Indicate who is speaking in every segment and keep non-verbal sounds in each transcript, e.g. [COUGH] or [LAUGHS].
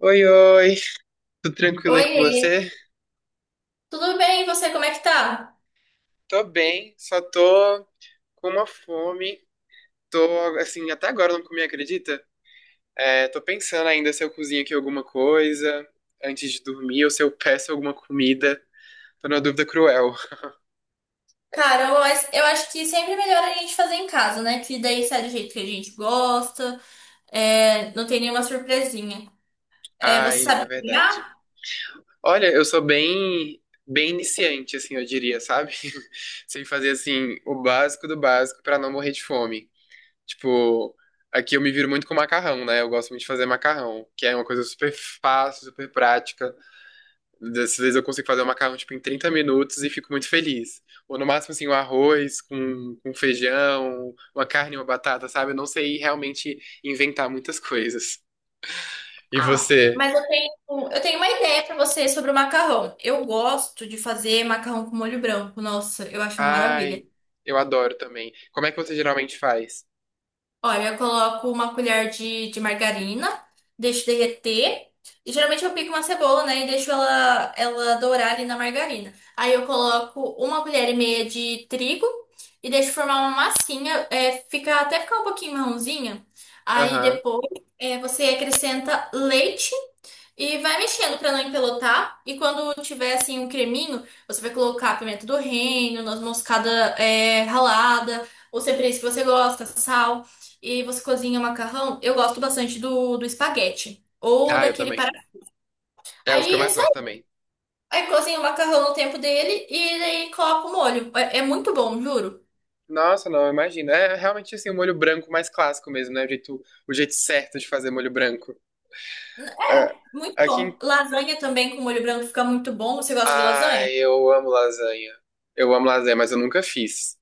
Speaker 1: Oi, oi, tudo tranquilo aí com
Speaker 2: Oiê,
Speaker 1: você?
Speaker 2: tudo bem? E você, como é que tá?
Speaker 1: Tô bem, só tô com uma fome. Tô, assim, até agora eu não comi, acredita? É, tô pensando ainda se eu cozinho aqui alguma coisa antes de dormir ou se eu peço alguma comida. Tô numa dúvida cruel.
Speaker 2: Cara, eu acho que sempre é melhor a gente fazer em casa, né? Que daí sai do jeito que a gente gosta, não tem nenhuma surpresinha. É, você
Speaker 1: Ai, é
Speaker 2: sabe
Speaker 1: verdade.
Speaker 2: cozinhar?
Speaker 1: Olha, eu sou bem, bem iniciante, assim, eu diria, sabe? [LAUGHS] Sei fazer, assim, o básico do básico pra não morrer de fome. Tipo, aqui eu me viro muito com macarrão, né? Eu gosto muito de fazer macarrão, que é uma coisa super fácil, super prática. Às vezes eu consigo fazer o macarrão, tipo, em 30 minutos e fico muito feliz. Ou no máximo, assim, um arroz com feijão, uma carne, uma batata, sabe? Eu não sei realmente inventar muitas coisas. E
Speaker 2: Ah,
Speaker 1: você?
Speaker 2: eu tenho uma ideia pra você sobre o macarrão. Eu gosto de fazer macarrão com molho branco. Nossa, eu acho uma maravilha.
Speaker 1: Ai, eu adoro também. Como é que você geralmente faz?
Speaker 2: Olha, eu coloco uma colher de margarina, deixo derreter. E geralmente eu pico uma cebola, né? E deixo ela dourar ali na margarina. Aí eu coloco uma colher e meia de trigo e deixo formar uma massinha, fica, até ficar um pouquinho marronzinha. Aí
Speaker 1: Aham.
Speaker 2: depois você acrescenta leite. E vai mexendo pra não empelotar. E quando tiver assim um creminho, você vai colocar pimenta do reino, noz moscada ralada, ou cebola se você gosta, sal. E você cozinha o macarrão. Eu gosto bastante do espaguete. Ou
Speaker 1: Ah, eu
Speaker 2: daquele para.
Speaker 1: também. É os que eu
Speaker 2: Aí é
Speaker 1: mais
Speaker 2: só
Speaker 1: gosto
Speaker 2: isso.
Speaker 1: também.
Speaker 2: Aí cozinha o macarrão no tempo dele e daí coloca o molho. É muito bom, juro.
Speaker 1: Nossa, não, imagina. É realmente assim, o molho branco mais clássico mesmo, né? O jeito certo de fazer molho branco. É.
Speaker 2: Muito
Speaker 1: Aqui
Speaker 2: bom.
Speaker 1: em...
Speaker 2: Lasanha também com molho branco fica muito bom. Você gosta de lasanha?
Speaker 1: Ai, eu amo lasanha. Eu amo lasanha, mas eu nunca fiz.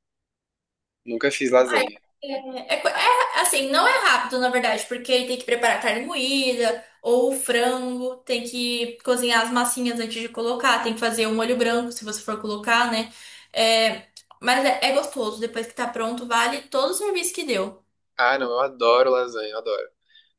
Speaker 1: Nunca fiz
Speaker 2: Ah,
Speaker 1: lasanha.
Speaker 2: assim, não é rápido, na verdade, porque ele tem que preparar a carne moída ou o frango, tem que cozinhar as massinhas antes de colocar, tem que fazer um molho branco, se você for colocar, né? É, mas é gostoso, depois que tá pronto, vale todo o serviço que deu.
Speaker 1: Ah, não, eu adoro lasanha, eu adoro.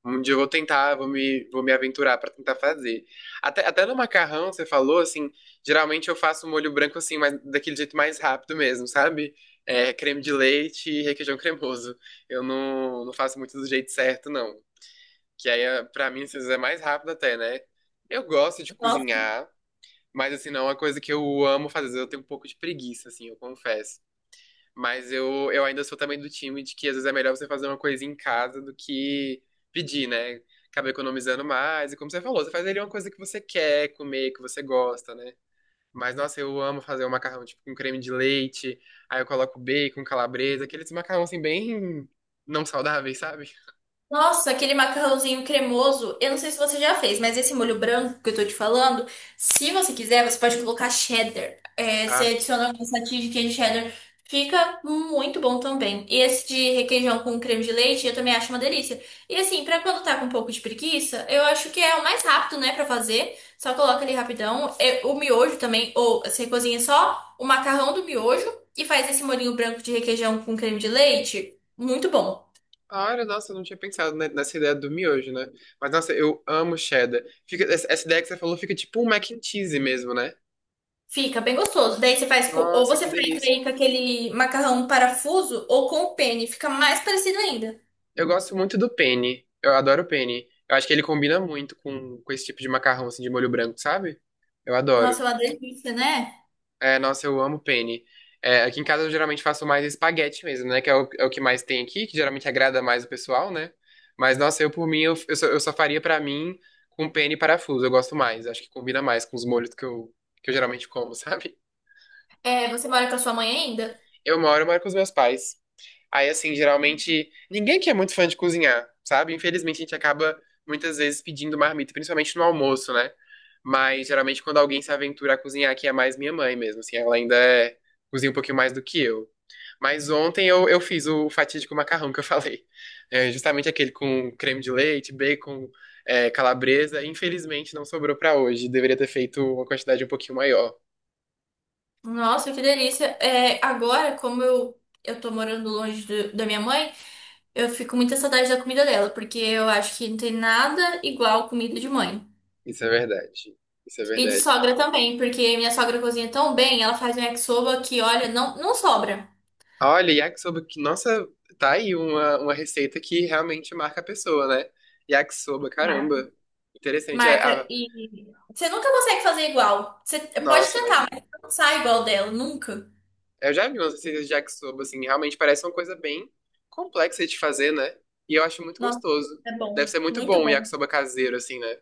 Speaker 1: Um dia eu vou tentar, vou me aventurar pra tentar fazer. Até no macarrão, você falou, assim, geralmente eu faço um molho branco assim, mas daquele jeito mais rápido mesmo, sabe? É, creme de leite e requeijão cremoso. Eu não faço muito do jeito certo, não. Que aí, pra mim, às vezes é mais rápido até, né? Eu gosto de
Speaker 2: Nossa.
Speaker 1: cozinhar, mas assim, não é uma coisa que eu amo fazer. Às vezes eu tenho um pouco de preguiça, assim, eu confesso. Mas eu ainda sou também do time de que às vezes é melhor você fazer uma coisa em casa do que pedir, né? Acaba economizando mais. E como você falou, você faz ali uma coisa que você quer comer, que você gosta, né? Mas, nossa, eu amo fazer um macarrão, tipo, com creme de leite. Aí eu coloco bacon, calabresa, aqueles macarrão, assim, bem não saudáveis, sabe?
Speaker 2: Nossa, aquele macarrãozinho cremoso. Eu não sei se você já fez, mas esse molho branco que eu tô te falando, se você quiser, você pode colocar cheddar. É, você
Speaker 1: Ah,
Speaker 2: adiciona algumas fatias de queijo cheddar. Fica muito bom também. E esse de requeijão com creme de leite, eu também acho uma delícia. E assim, pra quando tá com um pouco de preguiça, eu acho que é o mais rápido, né, pra fazer. Só coloca ali rapidão. É, o miojo também, ou você cozinha só o macarrão do miojo e faz esse molhinho branco de requeijão com creme de leite. Muito bom.
Speaker 1: claro, nossa, eu não tinha pensado nessa ideia do miojo, né? Mas, nossa, eu amo cheddar. Fica, essa ideia que você falou fica tipo um mac and cheese mesmo, né?
Speaker 2: Fica bem gostoso. Daí você faz com, ou
Speaker 1: Nossa,
Speaker 2: você
Speaker 1: que
Speaker 2: faz
Speaker 1: delícia.
Speaker 2: aí com aquele macarrão parafuso ou com o penne, fica mais parecido ainda.
Speaker 1: Eu gosto muito do penne. Eu adoro o penne. Eu acho que ele combina muito com esse tipo de macarrão, assim, de molho branco, sabe? Eu
Speaker 2: Nossa,
Speaker 1: adoro.
Speaker 2: é uma delícia, né?
Speaker 1: É, nossa, eu amo penne. É, aqui em casa eu geralmente faço mais espaguete mesmo, né? Que é o que mais tem aqui, que geralmente agrada mais o pessoal, né? Mas, nossa, eu por mim, eu só faria pra mim com penne e parafuso. Eu gosto mais. Acho que combina mais com os molhos que eu geralmente como, [LAUGHS] sabe?
Speaker 2: É, você mora com a sua mãe ainda?
Speaker 1: Eu moro com os meus pais. Aí, assim, geralmente, ninguém que é muito fã de cozinhar, sabe? Infelizmente, a gente acaba muitas vezes pedindo marmita, principalmente no almoço, né? Mas geralmente, quando alguém se aventura a cozinhar, que é mais minha mãe mesmo, assim, ela ainda cozinha um pouquinho mais do que eu. Mas ontem eu fiz o fatídico macarrão que eu [LAUGHS] falei. É justamente aquele com creme de leite, bacon, calabresa. Infelizmente, não sobrou pra hoje. Deveria ter feito uma quantidade um pouquinho maior.
Speaker 2: Nossa, que delícia. É, agora, como eu tô morando longe do- da minha mãe, eu fico com muita saudade da comida dela, porque eu acho que não tem nada igual comida de mãe.
Speaker 1: Isso é verdade. Isso é
Speaker 2: E de
Speaker 1: verdade.
Speaker 2: sogra também, porque minha sogra cozinha tão bem, ela faz um yakisoba que, olha, não sobra.
Speaker 1: Olha, yakisoba que, nossa, tá aí uma receita que realmente marca a pessoa, né? Yakisoba, caramba. Interessante.
Speaker 2: Marca
Speaker 1: Ah,
Speaker 2: e você nunca consegue fazer igual. Você pode
Speaker 1: nossa, imagina.
Speaker 2: tentar, mas não sai igual dela, nunca.
Speaker 1: Eu já vi umas receitas de yakisoba, assim, realmente parece uma coisa bem complexa de fazer, né? E eu acho muito
Speaker 2: Nossa,
Speaker 1: gostoso.
Speaker 2: é
Speaker 1: Deve
Speaker 2: bom,
Speaker 1: ser muito
Speaker 2: muito
Speaker 1: bom o
Speaker 2: bom.
Speaker 1: yakisoba caseiro, assim, né?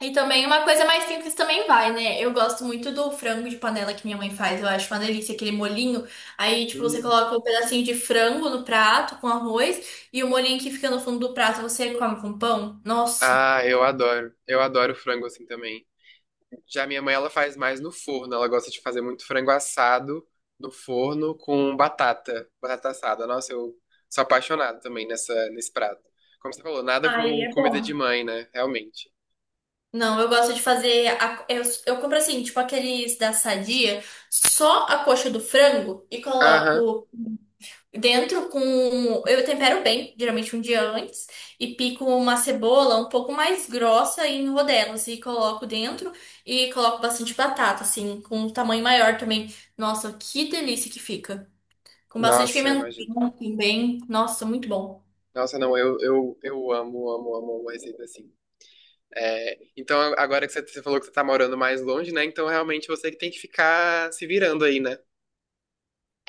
Speaker 2: E também uma coisa mais simples também vai, né? Eu gosto muito do frango de panela que minha mãe faz. Eu acho uma delícia aquele molinho. Aí, tipo, você
Speaker 1: Hum.
Speaker 2: coloca um pedacinho de frango no prato com arroz e o molinho que fica no fundo do prato você come com pão. Nossa.
Speaker 1: Ah, eu adoro. Eu adoro frango, assim, também. Já minha mãe, ela faz mais no forno. Ela gosta de fazer muito frango assado no forno com batata, batata assada. Nossa, eu sou apaixonado também nesse prato. Como você falou, nada
Speaker 2: Aí
Speaker 1: como
Speaker 2: é
Speaker 1: comida
Speaker 2: bom.
Speaker 1: de mãe, né? Realmente.
Speaker 2: Não, eu gosto de fazer. Eu compro assim, tipo aqueles da Sadia, só a coxa do frango e
Speaker 1: Aham.
Speaker 2: coloco dentro com. Eu tempero bem, geralmente um dia antes, e pico uma cebola um pouco mais grossa em rodelas e coloco dentro e coloco bastante batata, assim, com um tamanho maior também. Nossa, que delícia que fica! Com bastante
Speaker 1: Nossa, imagina.
Speaker 2: pimentão também. Nossa, muito bom.
Speaker 1: Nossa, não, eu amo, amo, amo uma receita assim. É, então, agora que você falou que você tá morando mais longe, né? Então, realmente, você que tem que ficar se virando aí, né?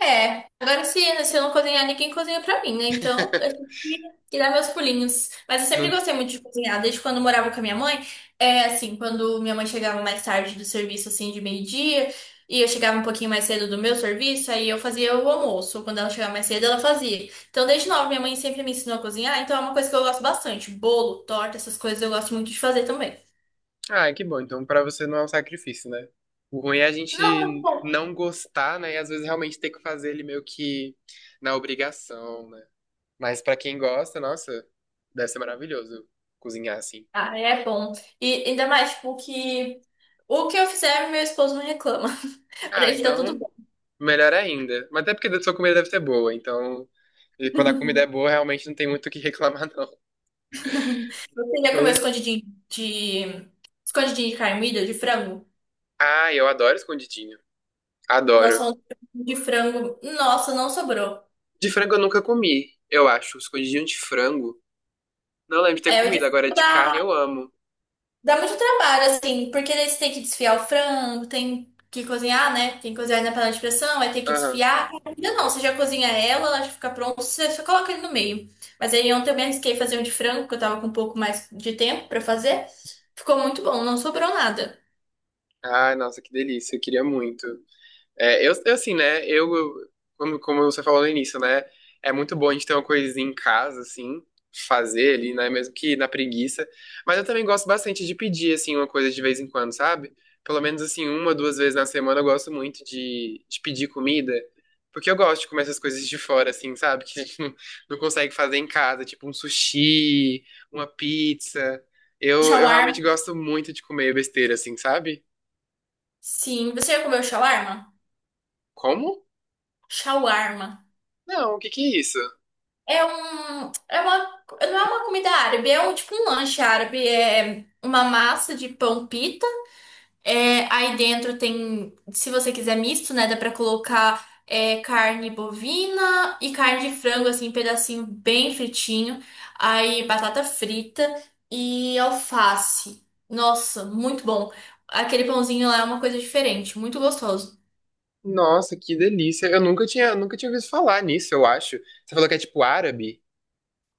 Speaker 2: É, agora se, se eu não cozinhar, ninguém cozinha pra mim, né? Então, eu
Speaker 1: [LAUGHS]
Speaker 2: tenho que dar meus pulinhos. Mas eu sempre
Speaker 1: Não.
Speaker 2: gostei muito de cozinhar, desde quando eu morava com a minha mãe. É assim, quando minha mãe chegava mais tarde do serviço, assim, de meio-dia, e eu chegava um pouquinho mais cedo do meu serviço, aí eu fazia o almoço. Quando ela chegava mais cedo, ela fazia. Então, desde nova, minha mãe sempre me ensinou a cozinhar, então é uma coisa que eu gosto bastante. Bolo, torta, essas coisas eu gosto muito de fazer também.
Speaker 1: Ah, que bom. Então, pra você não é um sacrifício, né? O ruim é a
Speaker 2: Não, é
Speaker 1: gente
Speaker 2: bom.
Speaker 1: não gostar, né? E às vezes realmente ter que fazer ele meio que na obrigação, né? Mas pra quem gosta, nossa, deve ser maravilhoso cozinhar assim.
Speaker 2: Ah, é bom. E ainda mais, tipo, que o que eu fizer, meu esposo não reclama. Pra
Speaker 1: Ah,
Speaker 2: ele tá tudo
Speaker 1: então,
Speaker 2: bom.
Speaker 1: melhor ainda. Mas até porque a sua comida deve ser boa, então. E quando a comida é
Speaker 2: [LAUGHS]
Speaker 1: boa, realmente não tem muito o que [LAUGHS] reclamar, não.
Speaker 2: Você já comeu
Speaker 1: É.
Speaker 2: escondidinho de... Escondidinho de carmilha, de frango?
Speaker 1: Ah, eu adoro escondidinho.
Speaker 2: Nossa,
Speaker 1: Adoro.
Speaker 2: falando de frango... Nossa, não sobrou.
Speaker 1: De frango eu nunca comi, eu acho. Escondidinho de frango. Não lembro de ter
Speaker 2: É, o de
Speaker 1: comido. Agora
Speaker 2: frango
Speaker 1: de carne eu amo.
Speaker 2: dá muito trabalho, assim, porque daí você tem que desfiar o frango, tem que cozinhar, né? Tem que cozinhar na panela de pressão, aí tem que
Speaker 1: Aham.
Speaker 2: desfiar. Ainda não, você já cozinha ela já fica pronta, você só coloca ele no meio. Mas aí ontem eu me arrisquei a fazer um de frango, que eu tava com um pouco mais de tempo pra fazer. Ficou muito bom, não sobrou nada.
Speaker 1: Ai, nossa, que delícia, eu queria muito. É, assim, né, como você falou no início, né, é muito bom a gente ter uma coisinha em casa, assim, fazer ali, né, mesmo que na preguiça, mas eu também gosto bastante de pedir, assim, uma coisa de vez em quando, sabe? Pelo menos, assim, uma, duas vezes na semana eu gosto muito de pedir comida, porque eu gosto de comer essas coisas de fora, assim, sabe? Que a gente não consegue fazer em casa, tipo um sushi, uma pizza. Eu
Speaker 2: Shawarma.
Speaker 1: realmente gosto muito de comer besteira, assim, sabe?
Speaker 2: Sim, você já comeu shawarma?
Speaker 1: Como?
Speaker 2: Shawarma.
Speaker 1: Não, o que que é isso?
Speaker 2: É um, é uma, não é uma comida árabe, é um tipo um lanche árabe, é uma massa de pão pita. É, aí dentro tem, se você quiser misto, né, dá pra colocar carne bovina e carne de frango assim, pedacinho bem fritinho. Aí batata frita e alface. Nossa, muito bom. Aquele pãozinho lá é uma coisa diferente, muito gostoso.
Speaker 1: Nossa, que delícia. Eu nunca tinha ouvido falar nisso, eu acho. Você falou que é tipo árabe?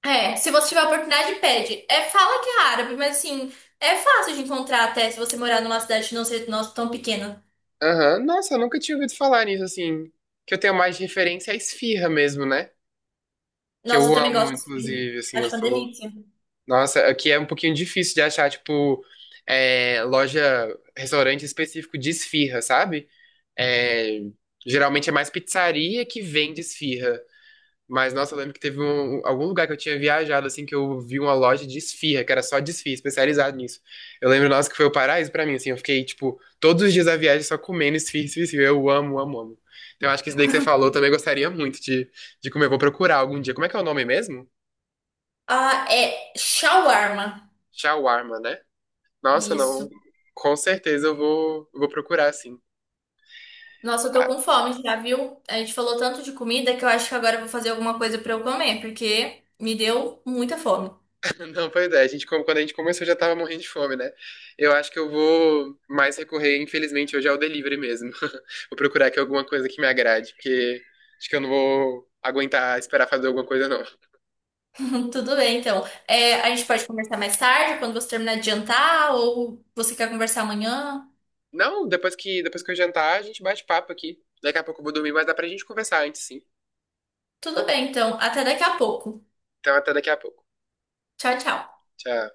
Speaker 2: É, se você tiver oportunidade, pede. É, fala que é árabe, mas assim, é fácil de encontrar até se você morar numa cidade que não seja nossa, tão pequena.
Speaker 1: Aham. Nossa, eu nunca tinha ouvido falar nisso, assim. Que eu tenho mais de referência à esfirra mesmo, né? Que
Speaker 2: Nossa, eu
Speaker 1: eu
Speaker 2: também
Speaker 1: amo,
Speaker 2: gosto de.
Speaker 1: inclusive, assim,
Speaker 2: Acho
Speaker 1: eu
Speaker 2: uma
Speaker 1: sou.
Speaker 2: delícia.
Speaker 1: Nossa, aqui é um pouquinho difícil de achar, tipo, loja, restaurante específico de esfirra, sabe? É, geralmente é mais pizzaria que vende esfirra. Mas, nossa, eu lembro que teve algum lugar que eu tinha viajado, assim, que eu vi uma loja de esfirra, que era só de esfirra, especializado nisso. Eu lembro, nossa, que foi o paraíso pra mim, assim, eu fiquei, tipo, todos os dias da viagem só comendo esfirra, esfirra, esfirra. Eu amo, amo, amo. Então, eu acho que isso daí que você falou, eu também gostaria muito de comer. Eu vou procurar algum dia. Como é que é o nome mesmo?
Speaker 2: Ah, é shawarma.
Speaker 1: Shawarma, né? Nossa, não.
Speaker 2: Isso.
Speaker 1: Com certeza eu vou procurar, sim.
Speaker 2: Nossa, eu tô
Speaker 1: Ah,
Speaker 2: com fome já, viu? A gente falou tanto de comida que eu acho que agora eu vou fazer alguma coisa pra eu comer, porque me deu muita fome.
Speaker 1: não, pois é, a gente, quando a gente começou já tava morrendo de fome, né? Eu acho que eu vou mais recorrer, infelizmente, hoje ao delivery mesmo. [LAUGHS] Vou procurar aqui alguma coisa que me agrade, porque acho que eu não vou aguentar esperar fazer alguma coisa, não.
Speaker 2: [LAUGHS] Tudo bem, então. É, a gente pode conversar mais tarde, quando você terminar de jantar, ou você quer conversar amanhã.
Speaker 1: Não, depois que eu jantar, a gente bate papo aqui. Daqui a pouco eu vou dormir, mas dá pra gente conversar antes, sim.
Speaker 2: Tudo bem, então. Até daqui a pouco.
Speaker 1: Então até daqui a pouco.
Speaker 2: Tchau, tchau.
Speaker 1: Tchau.